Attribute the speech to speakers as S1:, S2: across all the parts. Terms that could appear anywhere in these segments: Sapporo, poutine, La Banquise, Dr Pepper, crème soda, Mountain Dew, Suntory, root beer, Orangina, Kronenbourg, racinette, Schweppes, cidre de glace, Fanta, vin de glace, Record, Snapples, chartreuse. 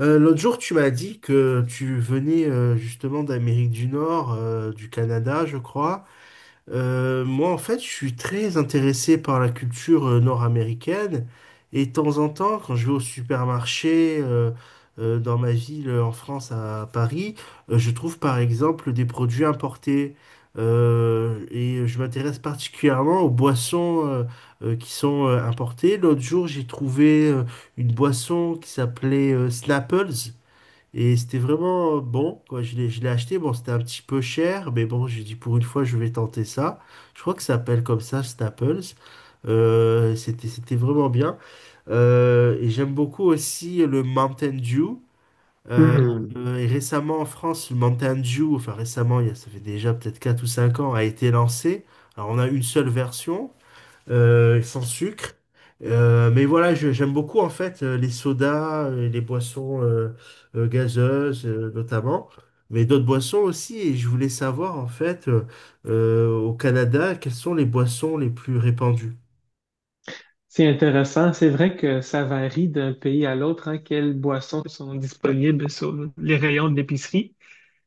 S1: L'autre jour, tu m'as dit que tu venais justement d'Amérique du Nord, du Canada, je crois, moi, en fait, je suis très intéressé par la culture nord-américaine. Et de temps en temps, quand je vais au supermarché dans ma ville en France, à Paris, je trouve par exemple des produits importés. Et je m'intéresse particulièrement aux boissons qui sont importées. L'autre jour, j'ai trouvé une boisson qui s'appelait Snapples. Et c'était vraiment bon, quoi. Je l'ai acheté. Bon, c'était un petit peu cher, mais bon, j'ai dit pour une fois, je vais tenter ça. Je crois que ça s'appelle comme ça, Staples. C'était vraiment bien. Et j'aime beaucoup aussi le Mountain Dew. Euh,
S2: Hmm.
S1: et récemment en France, le Mountain Dew, enfin récemment, ça fait déjà peut-être 4 ou 5 ans, a été lancé. Alors on a une seule version sans sucre. Mais voilà, j'aime beaucoup en fait les sodas, les boissons gazeuses notamment, mais d'autres boissons aussi. Et je voulais savoir en fait au Canada, quelles sont les boissons les plus répandues?
S2: C'est intéressant. C'est vrai que ça varie d'un pays à l'autre, hein, quelles boissons sont disponibles sur les rayons de l'épicerie.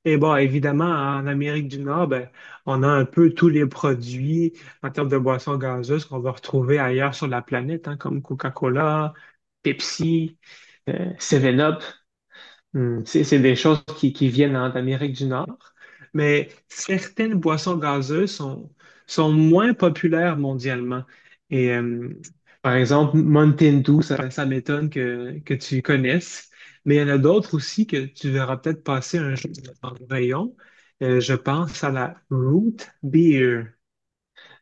S2: Et bon, évidemment, en Amérique du Nord, ben, on a un peu tous les produits en termes de boissons gazeuses qu'on va retrouver ailleurs sur la planète, hein, comme Coca-Cola, Pepsi, 7-Up. Hmm. C'est des choses qui viennent, hein, d'Amérique du Nord, mais certaines boissons gazeuses sont, sont moins populaires mondialement. Et euh, Par exemple, Mountain Dew, ça m'étonne que tu connaisses, mais il y en a d'autres aussi que tu verras peut-être passer un jour dans le rayon. Je pense à la root beer.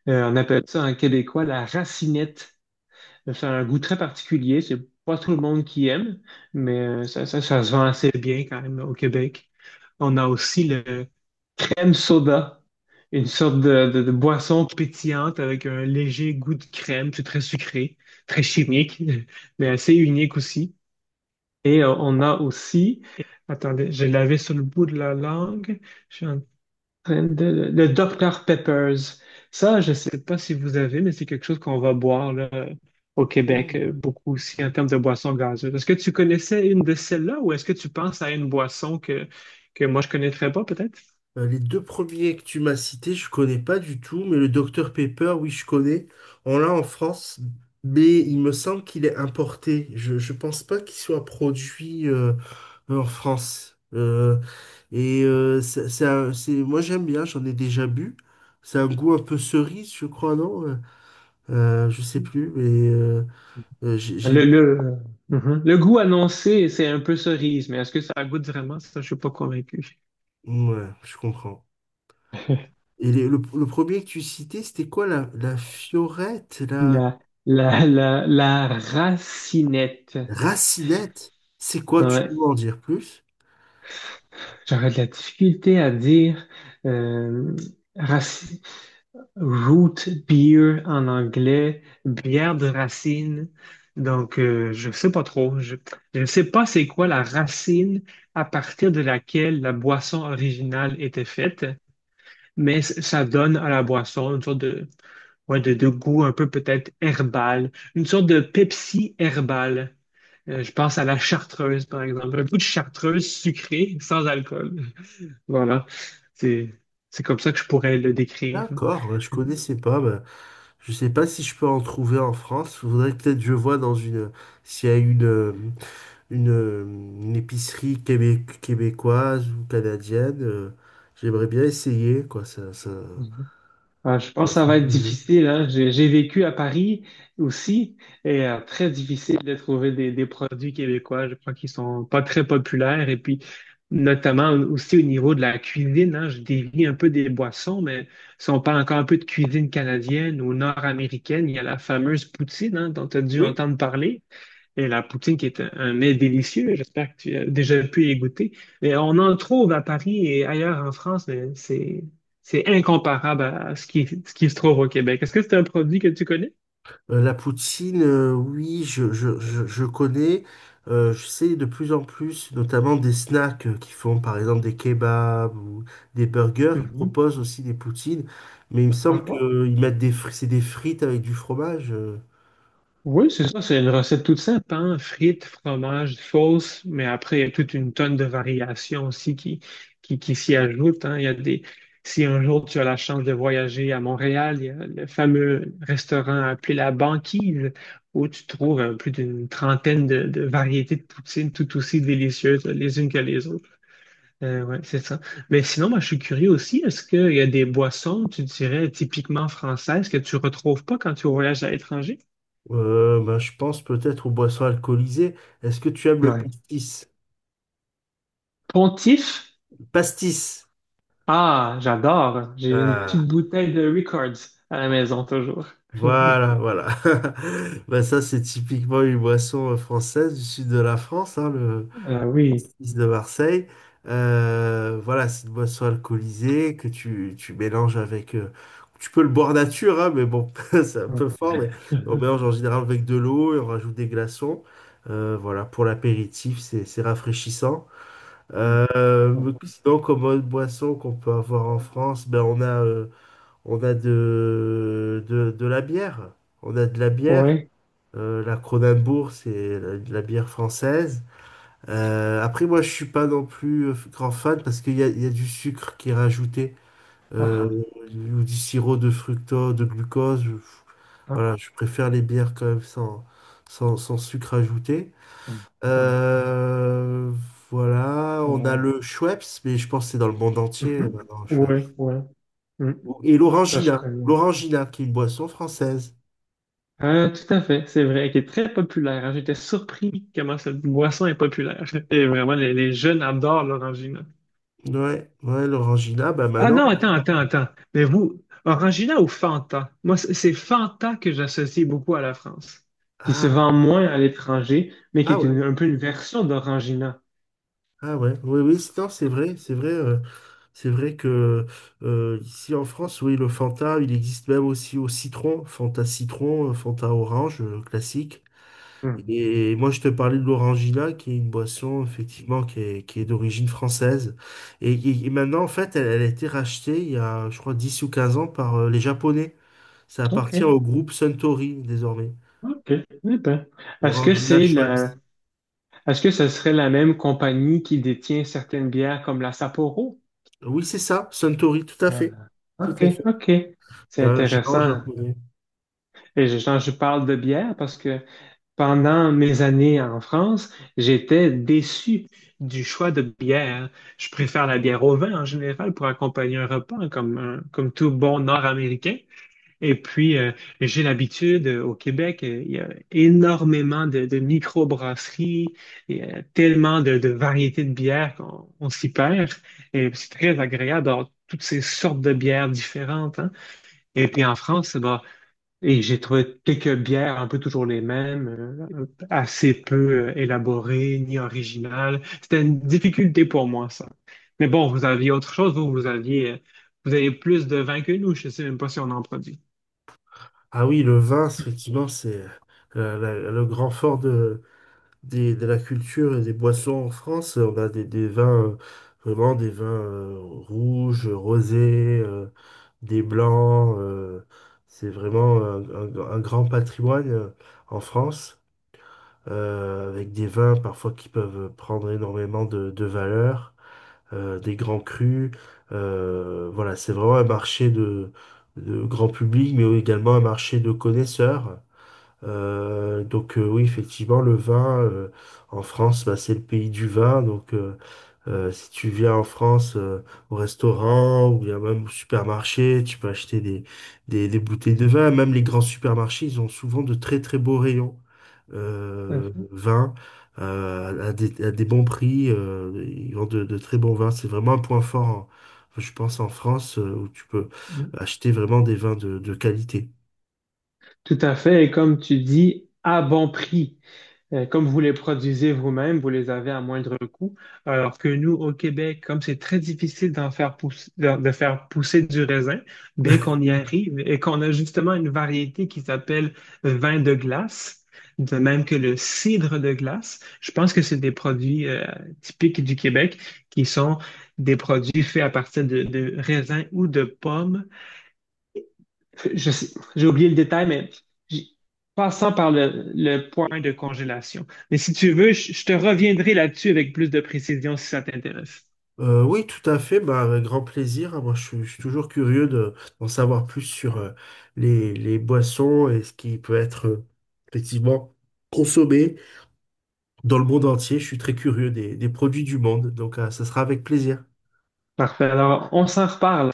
S2: On appelle ça en québécois la racinette. C'est un goût très particulier. C'est pas tout le monde qui aime, mais ça, ça, ça se vend assez bien quand même au Québec. On a aussi le crème soda, une sorte de boisson pétillante avec un léger goût de crème. C'est très sucré, très chimique, mais assez unique aussi. On a aussi, attendez, je l'avais sur le bout de la langue. Le Dr Peppers. Ça, je sais pas si vous avez, mais c'est quelque chose qu'on va boire là, au Québec,
S1: Oh.
S2: beaucoup aussi en termes de boissons gazeuses. Est-ce que tu connaissais une de celles-là ou est-ce que tu penses à une boisson que moi je connaîtrais pas peut-être?
S1: Les deux premiers que tu m'as cités, je connais pas du tout, mais le Dr Pepper, oui, je connais. On l'a en France, mais il me semble qu'il est importé. Je pense pas qu'il soit produit en France. C'est, moi j'aime bien, j'en ai déjà bu. C'est un goût un peu cerise, je crois, non? Je sais plus, mais euh, j'ai, j'ai-
S2: Le, mhm. Le goût annoncé, c'est un peu cerise, mais est-ce que ça goûte vraiment? Ça, je suis pas convaincu.
S1: Ouais, je comprends. Le premier que tu citais, c'était quoi la fiorette, la
S2: La, la racinette.
S1: racinette? C'est quoi? Tu
S2: Ouais.
S1: peux m'en dire plus?
S2: J'aurais de la difficulté à dire euh, raci-. Root beer en anglais, bière de racine. Donc, je sais pas trop. Je ne sais pas c'est quoi la racine à partir de laquelle la boisson originale était faite, mais ça donne à la boisson une sorte de, ouais, de goût un peu peut-être herbal, une sorte de Pepsi herbal. Je pense à la chartreuse, par exemple. Un peu de chartreuse sucrée sans alcool. Voilà. C'est, c'est comme ça que je pourrais le décrire.
S1: D'accord, je
S2: Mm.
S1: connaissais pas. Bah, je sais pas si je peux en trouver en France. Faudrait peut-être que je vois dans une, s'il y a une épicerie québécoise ou canadienne. J'aimerais bien essayer, quoi.
S2: Mhm. Ah, je pense que ça
S1: C'est
S2: va être
S1: curieux.
S2: difficile, hein. J'ai vécu à Paris aussi et très difficile de trouver des produits québécois. Je crois qu'ils sont pas très populaires et puis notamment aussi au niveau de la cuisine, hein. Je dévie un peu des boissons, mais si on parle encore un peu de cuisine canadienne ou nord-américaine, il y a la fameuse poutine, hein, dont tu as dû
S1: Oui.
S2: entendre parler. Et la poutine qui est un mets délicieux, j'espère que tu as déjà pu y goûter. Mais on en trouve à Paris et ailleurs en France, mais c'est incomparable à ce qui se trouve au Québec. Est-ce que c'est un produit que tu connais?
S1: La poutine, oui, je connais. Je sais de plus en plus, notamment des snacks qui font par exemple des kebabs ou des burgers. Ils
S2: Mhm.
S1: proposent aussi des poutines, mais il me
S2: Ah
S1: semble
S2: pas.
S1: qu'ils mettent des frites, c'est des frites avec du fromage.
S2: Oui, c'est ça, c'est une recette toute simple, hein? Frites, fromage, sauce, mais après, il y a toute une tonne de variations aussi qui, qui s'y ajoutent, hein. Il y a des... Si un jour tu as la chance de voyager à Montréal, il y a le fameux restaurant appelé La Banquise, où tu trouves plus d'une trentaine de variétés de poutines tout aussi délicieuses les unes que les autres. Ouais, c'est ça. Mais sinon, moi, je suis curieux aussi, est-ce qu'il y a des boissons, tu dirais, typiquement françaises que tu retrouves pas quand tu voyages à l'étranger?
S1: Ben, je pense peut-être aux boissons alcoolisées. Est-ce que tu aimes le
S2: Ouais.
S1: pastis?
S2: Pontif?
S1: Pastis.
S2: Ah, j'adore. J'ai une
S1: Ah,
S2: petite bouteille de Records à la maison toujours.
S1: voilà, voilà. Bah ça, c'est typiquement une boisson française du sud de la France, hein, le
S2: Ah oui.
S1: 6 de Marseille. Voilà, c'est une boisson alcoolisée que tu mélanges avec... tu peux le boire nature, hein, mais bon, c'est un
S2: Oui.
S1: peu fort, mais on mélange en général avec de l'eau et on rajoute des glaçons. Voilà, pour l'apéritif, c'est rafraîchissant. Euh, Sinon, comme autre boisson qu'on peut avoir en France, ben on a. On a de la bière. On a de la bière.
S2: Oui.
S1: La Kronenbourg, c'est de la bière française. Après, moi, je suis pas non plus grand fan parce qu'il y a du sucre qui est rajouté euh,
S2: Ah,
S1: ou du sirop de fructose, de glucose.
S2: ah,
S1: Voilà, je préfère les bières quand même sans sucre ajouté.
S2: ah, oui.
S1: Euh, voilà, on a
S2: Oui.
S1: le Schweppes, mais je pense que c'est dans le monde entier
S2: Mhm.
S1: maintenant, le
S2: Oui,
S1: Schweppes.
S2: oui. Mm.
S1: Et
S2: Ça, je
S1: l'orangina.
S2: connais.
S1: L'orangina, qui est une boisson française.
S2: Tout à fait, c'est vrai, qui est très populaire, hein. J'étais surpris comment cette boisson est populaire. Et vraiment, les jeunes adorent l'orangina.
S1: Ouais, ouais, l'orangina, bah
S2: Ah
S1: maintenant.
S2: non, attends, attends, attends. Mais vous, Orangina ou Fanta? Moi, c'est Fanta que j'associe beaucoup à la France, qui se
S1: Ah,
S2: vend moins à l'étranger, mais qui
S1: ah
S2: est
S1: ouais,
S2: un peu une version d'Orangina.
S1: ah ouais, oui, oui, non, c'est vrai, c'est vrai. C'est vrai que ici en France, oui, le Fanta, il existe même aussi au citron, Fanta orange, classique.
S2: Hmm.
S1: Et moi, je te parlais de l'Orangina, qui est une boisson, effectivement, qui est d'origine française. Et maintenant, en fait, elle a été rachetée il y a, je crois, 10 ou 15 ans par les Japonais. Ça appartient
S2: OK.
S1: au groupe Suntory désormais.
S2: OK. Eh ben, est-ce que
S1: Orangina
S2: c'est la,
S1: Schweppes.
S2: est-ce que ce serait la même compagnie qui détient certaines bières comme la Sapporo?
S1: Oui, c'est ça, Suntory, tout à fait.
S2: Ah,
S1: Tout
S2: OK,
S1: à fait.
S2: OK. C'est
S1: C'est un géant
S2: intéressant.
S1: japonais.
S2: Et je, quand je parle de bière parce que pendant mes années en France, j'étais déçu du choix de bière. Je préfère la bière au vin en général pour accompagner un repas comme, comme tout bon Nord-Américain. Et puis, j'ai l'habitude au Québec, il y a énormément de microbrasseries, il y a tellement de variétés de bières qu'on on s'y perd. Et c'est très agréable d'avoir toutes ces sortes de bières différentes, hein. Et puis en France, bah, et j'ai trouvé quelques bières un peu toujours les mêmes, assez peu élaborées ni originales. C'était une difficulté pour moi, ça. Mais bon, vous aviez autre chose, vous, vous aviez, vous avez plus de vin que nous, je sais même pas si on en produit.
S1: Ah oui, le vin, effectivement, c'est le grand fort de la culture et des boissons en France. On a des vins, vraiment des vins rouges, rosés, des blancs. C'est vraiment un grand patrimoine en France, avec des vins parfois qui peuvent prendre énormément de valeur, des grands crus. Voilà, c'est vraiment un marché de grand public, mais également un marché de connaisseurs. Donc oui, effectivement, le vin en France, bah, c'est le pays du vin. Donc si tu viens en France au restaurant ou bien même au supermarché, tu peux acheter des bouteilles de vin. Même les grands supermarchés, ils ont souvent de très très beaux rayons vin à des bons prix. Ils vendent de très bons vins. C'est vraiment un point fort, je pense, en France où tu peux
S2: Mhm.
S1: acheter vraiment des vins de qualité.
S2: Tout à fait, et comme tu dis, à bon prix. Comme vous les produisez vous-même, vous les avez à moindre coût. Alors que nous, au Québec, comme c'est très difficile d'en faire pousser, de faire pousser du raisin, bien qu'on y arrive et qu'on a justement une variété qui s'appelle vin de glace, de même que le cidre de glace, je pense que c'est des produits typiques du Québec qui sont des produits faits à partir de raisins ou de pommes, je sais- j'ai oublié le détail, mais j- passant par le point de congélation. Mais si tu veux, je te reviendrai là-dessus avec plus de précision si ça t'intéresse.
S1: Oui, tout à fait, bah, avec grand plaisir, hein. Moi, je suis toujours curieux de, d'en savoir plus sur les boissons et ce qui peut être effectivement consommé dans le monde entier. Je suis très curieux des produits du monde, donc ça sera avec plaisir.
S2: Parfait. Alors, on s'en reparle.